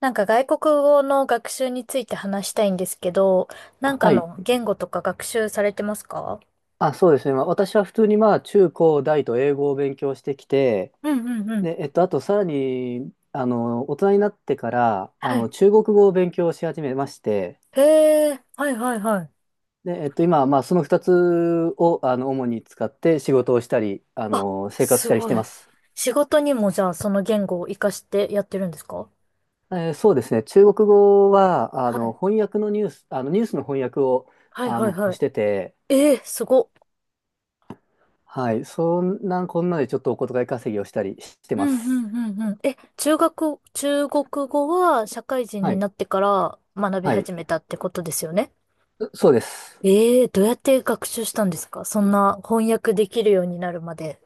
なんか外国語の学習について話したいんですけど、なんかはい。の言語とか学習されてますか？あ、そうですね。まあ、私は普通にまあ中高大と英語を勉強してきて、うんうんうん。で、あとさらに、大人になってから、はい。中国語を勉強し始めまして、へえ、はいはいはい。で、今はまあその2つを、主に使って仕事をしたり、あ、生活しすたりしごてまい。す。仕事にもじゃあその言語を活かしてやってるんですか？そうですね。中国語は、あはの、い。翻訳のニュース、あの、ニュースの翻訳を、はいはいはしてて、い。えー、すごっ。はい。そんな、こんなでちょっとお小遣い稼ぎをしたりしてうまんうんす。うんうん。え、中国語は社会人はにい。なってから学びはい。始めたってことですよね？そうです。えー、どうやって学習したんですかそんな翻訳できるようになるまで。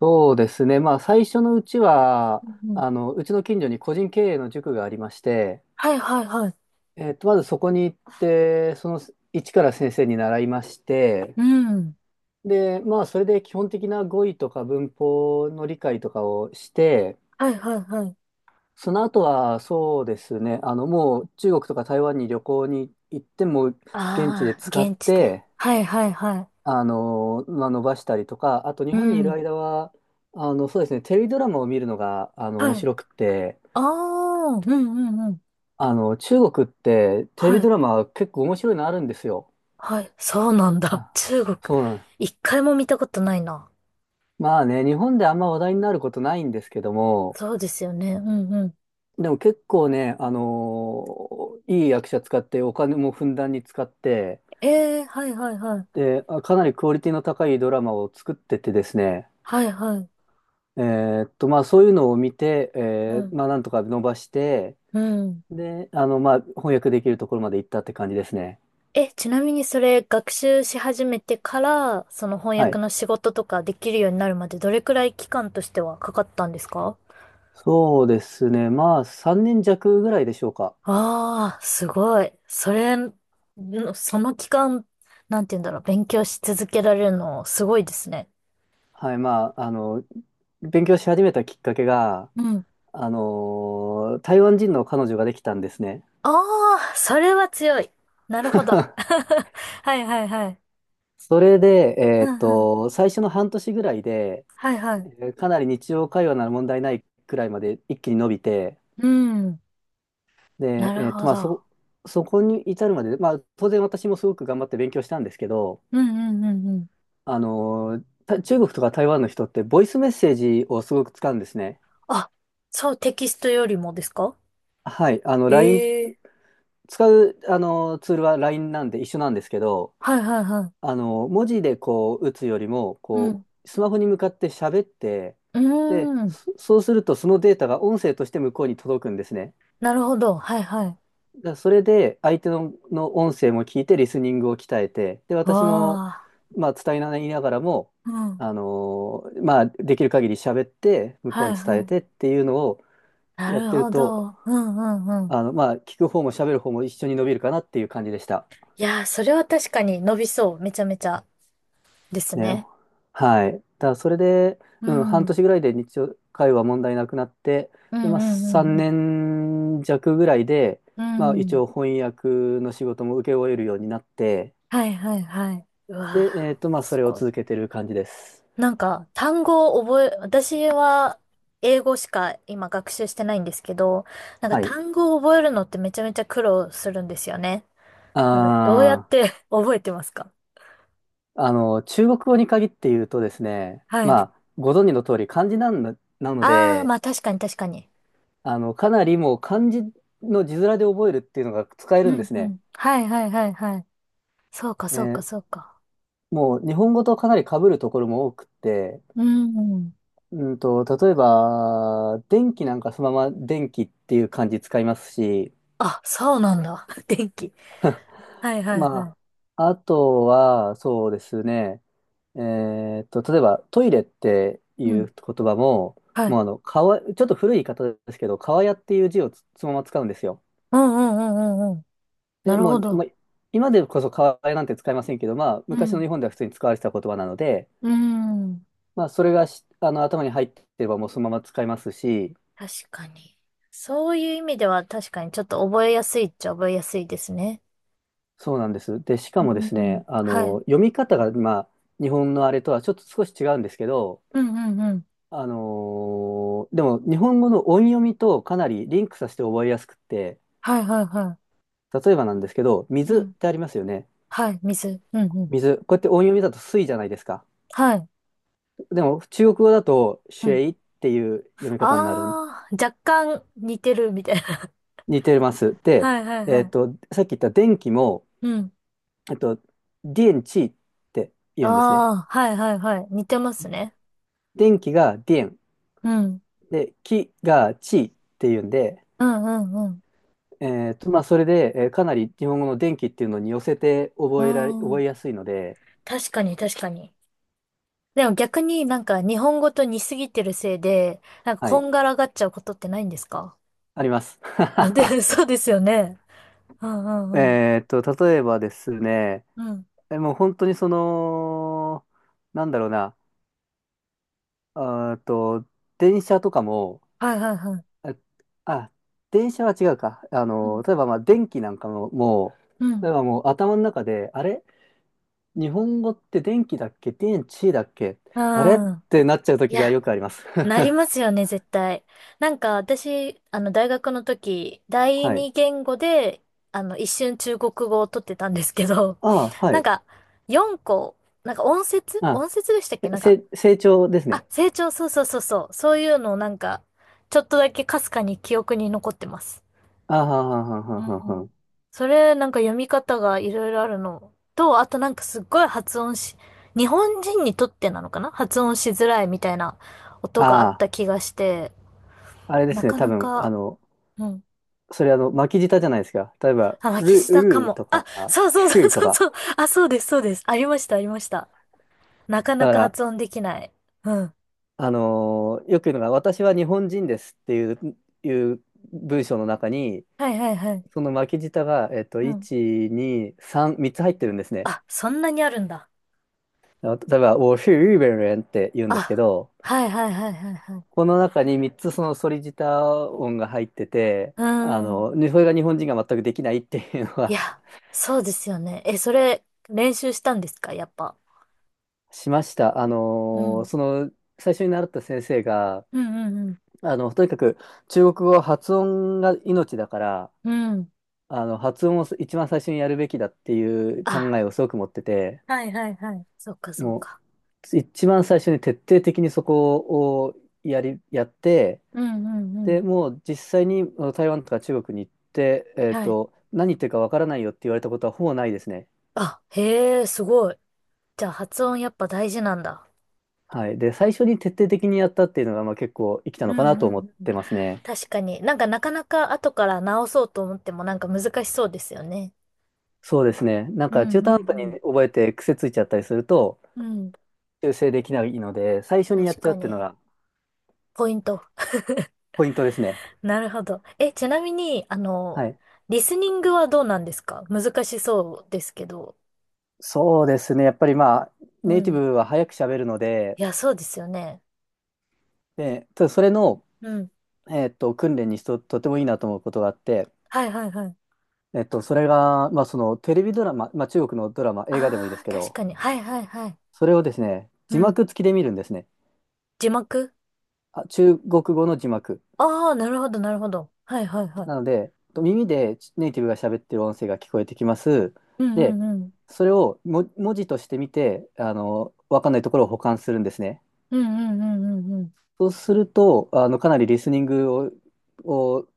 そうですね。まあ、最初のうちは、うんうんうちの近所に個人経営の塾がありまして、はいはいはい。まずそこに行って、その一から先生に習いまして、うん。で、まあ、それで基本的な語彙とか文法の理解とかをして、はいはいはい。その後は、そうですね、もう中国とか台湾に旅行に行っても、現地でああ、使っ現地で。て、はいはいはまあ、伸ばしたりとか、あと日い。う本にいるん。間は、そうですね、テレビドラマを見るのが、面はい。白くて、ああ、うんうんうん。中国ってテレはビい。ドラマ結構面白いのあるんですよ。はい。そうなんだ。あ、中国、そうなん。一回も見たことないな。まあね、日本であんま話題になることないんですけども、そうですよね。うんうん。でも結構ね、あのいい役者使ってお金もふんだんに使って、ええはいはいはい。で、かなりクオリティの高いドラマを作っててですね、はいはい。まあそういうのを見て、うん。まあなんとか伸ばして、うん。で、まあ翻訳できるところまで行ったって感じですね。え、ちなみにそれ学習し始めてから、その翻は訳い。の仕事とかできるようになるまでどれくらい期間としてはかかったんですか？そうですね。まあ3年弱ぐらいでしょうか。ああ、すごい。それ、その期間、なんて言うんだろう、勉強し続けられるの、すごいですね。はい、まあ、勉強し始めたきっかけが、うん。台湾人の彼女ができたんですね。ああ、それは強い。なるほど。はいはいはい。それで、うんうん。最初の半年ぐらいで、はいはい。かなり日常会話なら問題ないくらいまで一気に伸びて、うん。なで、るほまあ、ど。そこに至るまで、まあ、当然私もすごく頑張って勉強したんですけど、うんうんうんうん。中国とか台湾の人ってボイスメッセージをすごく使うんですね。あ、そう、テキストよりもですか？はい、え LINE え。使う、ツールは LINE なんで一緒なんですけど、はいはいはい。文字でこう打つよりも、うこん。う、スマホに向かって喋って、うーで、ん。そうするとそのデータが音声として向こうに届くんですね。なるほど。はいはい。だからそれで相手の音声も聞いてリスニングを鍛えて、で、私も、あまあ、伝えながらも、あ。うん。まあ、できる限り喋って、向こうはにい伝はえい。てっていうのをなやっるてるほと、ど。うんうんうん。まあ、聞く方も喋る方も一緒に伸びるかなっていう感じでした。いやー、それは確かに伸びそう。めちゃめちゃですね、ね。はい。だからそれで、ううん、ん。半うん年ぐらいで日常会話問題なくなって、うで、んまあ、3うん年弱ぐらいで、うまん。あ、う一ん。応翻訳の仕事も請け負えるようになって、はいはいはい。うわで、ー、まあ、そすれをごい。続けてる感じです。なんか、単語を覚え、私は英語しか今学習してないんですけど、なんかはい。単語を覚えるのってめちゃめちゃ苦労するんですよね。なんかどうやっあて 覚えてますか？中国語に限って言うとですね、はい。まあ、ご存知の通り、漢字なんだなのあー、で、まあ確かに確かに。かなりもう漢字の字面で覚えるっていうのが使えるうんでんすうね。ん。はいはいはいはい。そうかえそうかーそうか。もう日本語とかなり被るところも多くって、うん。例えば、電気なんかそのまま電気っていう漢字使いますし、あ、そうなんだ。電気。はい はいはまい。あ、あとは、そうですね、例えばトイレっていううん。言葉も、はもい。うちょっと古い言い方ですけど、かわやっていう字をそのまま使うんですよ。うんうんうんうんうん。で、なるもほう、まど。あ、今でこそかわやなんて使いませんけど、まあ、う昔のん。日本では普通に使われてた言葉なので、うん。まあ、それがし、あの、頭に入ってればもうそのまま使いますし、確かに。そういう意味では確かにちょっと覚えやすいっちゃ覚えやすいですね。そうなんです。で、しかうもですね、ん。はい。読み方が、まあ、日本のあれとはちょっと少し違うんですけど、うんうんうん。でも、日本語の音読みとかなりリンクさせて覚えやすくって、はいはいは例えばなんですけど、い。う水ん。ってありますよね。はい。水。うんうん。水。こうやって音読みだと水じゃないですか。はい。でも、中国語だと、うシェん。イっていう読み方になる。あー、若干似てるみたいな。似てます。で、はいはいはい。さっき言った電気も、うん。えっと、電池って言うんですね。あー、はいはいはい。似てますね。電気が電うん。で、気が地っていうんで、うんうんうん。まあ、それで、かなり日本語の電気っていうのに寄せてう覚ん。えやすいので、確かに確かに。でも逆になんか日本語と似すぎてるせいで、なんかはこい、んがらがっちゃうことってないんですか？ あります。あ、で、そうですよね。うんう んうん。例えばですね、うん。もう本当になんだろうな、あーと、電車とかも、はいはいはい。えあ、電車は違うか。うん。例えばまあ電気なんかも、もうう、例ん。えばもう頭の中で、あれ日本語って電気だっけ電池だっけうあれっん。てなっちゃうい時がや、よくあります。なりま すよね、絶対。なんか私、大学の時、第はい。二言語で、一瞬中国語を取ってたんですけど、ああ、はなんい。か、4個、なんか音節あ、音節でしたっけなんか、成長ですあ、ね。成長、そうそうそうそう。そういうのをなんか、ちょっとだけかすかに記憶に残ってます。ああ、はんはんはんはんうはんはん。ん、それ、なんか読み方がいろいろあるのと、あとなんかすっごい発音し、日本人にとってなのかな発音しづらいみたいな音があっあた気がして、あ、あれでなすね。か多な分、あか、の、うん。それあの、巻き舌じゃないですか。例えば、あ、巻きる、舌かうーも。とあ、か、そうそうふそうーとそうか。そう。あ、そうです、そうです。ありました、ありました。なかだなかから、発音できない。うん。よく言うのが、私は日本人ですっていう文章の中に、はいはいはい。その巻き舌が、うん。1、2、3、3つ入ってるんですね。あ、そんなにあるんだ。例えば、我是日本人って言うんですけあ、ど、はいはいはいはいはい。この中に3つそのソリジター音が入ってて、うん。ねそれが日本人が全くできないっていうのいは や、そうですよね。え、それ、練習したんですかやっぱ。しました。うん。最初に習った先生が、うんうんとにかく中国語は発音が命だから、うん。うん。発音を一番最初にやるべきだっていう考あ、えをすごく持ってて、はいはいはい。そっかそっもか。う、一番最初に徹底的にそこをやって、うんうんうん。で、もう実際にあの台湾とか中国に行って、はい。何言ってるかわからないよって言われたことはほぼないですね。あ、へえ、すごい。じゃあ発音やっぱ大事なんだ。はい。で、最初に徹底的にやったっていうのが、まあ、結構生きたうのんかなとう思っんうん。てますね。確かに。なんかなかなか後から直そうと思ってもなんか難しそうですよね。そうですね。なんうか中ん途う半端んに覚えて癖ついちゃったりすると、うん。うん。修正できないので、最初にやっ確ちゃうかっていうのに。がポイント。ポイントですね。なるほど。え、ちなみに、はい。リスニングはどうなんですか難しそうですけど。そうですね。やっぱりまあ、うネイティん。ブは早く喋るので、いや、そうですよね。で、ただそれの、うん。訓練にとてもいいなと思うことがあって、はいはいはい。それが、まあ、そのテレビドラマ、まあ、中国のドラマ、映画でもいいであすあ、け確ど、かに。はいはいはい。それをですね、字うん。幕付きで見るんですね。字幕あ、中国語の字幕。ああー、なるほどなるほど。はいはいはい。なので、耳でネイティブが喋ってる音声が聞こえてきます。うんうで、んうん。それをも文字として見て、わかんないところを補完するんですね。うんうんうんうんそうすると、かなりリスニングを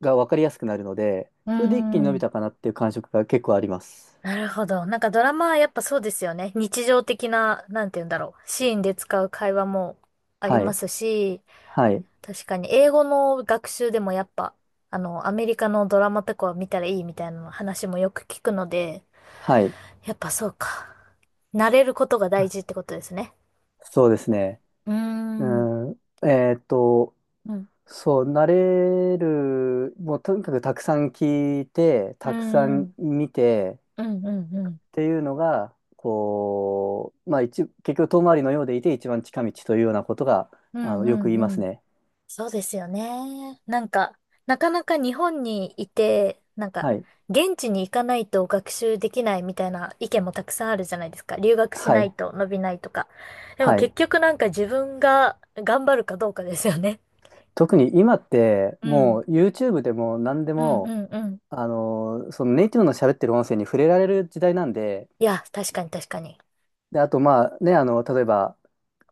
がわかりやすくなるので、うそれで一気にん。伸うーびん。たかなっていう感触が結構あります。なるほど。なんかドラマはやっぱそうですよね。日常的な、なんて言うんだろう。シーンで使う会話もありはまい。すし、はい。確かに、英語の学習でもやっぱ、アメリカのドラマとかは見たらいいみたいな話もよく聞くので、はい。やっぱそうか。慣れることが大あ、事ってことですね。そうですね。うーうん。ん、うん。そう、慣れる、もうとにかくたくさん聞いて、うたくさんん。見てうんうんうっん。ていうのが、こう、まあ結局遠回りのようでいて一番近道というようなことが、うんうよく言いんまうすん。ね。そうですよね。なんか、なかなか日本にいて、なんか、はい。現地に行かないと学習できないみたいな意見もたくさんあるじゃないですか。留学しはないい。と伸びないとか。でもはい。結局なんか自分が頑張るかどうかですよね。特に今って、うもん。う YouTube でも何でうんうも、んうん。そのネイティブの喋ってる音声に触れられる時代なんで、いや、確かに確かに。で、あとまあね、例えば、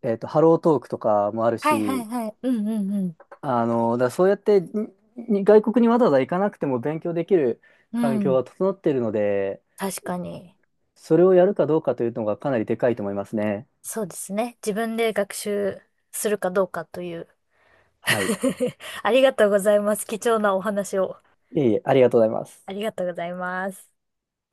ハロートークとかもあるはいはいし、はい。うんうんだからそうやって外国にわざわざ行かなくても勉強できるうん。環う境ん。が整っているので、確かに。それをやるかどうかというのがかなりでかいと思いますね。そうですね。自分で学習するかどうかという。はい。ありがとうございます。貴重なお話を。いえいえ、ありがとうございます。ありがとうございます。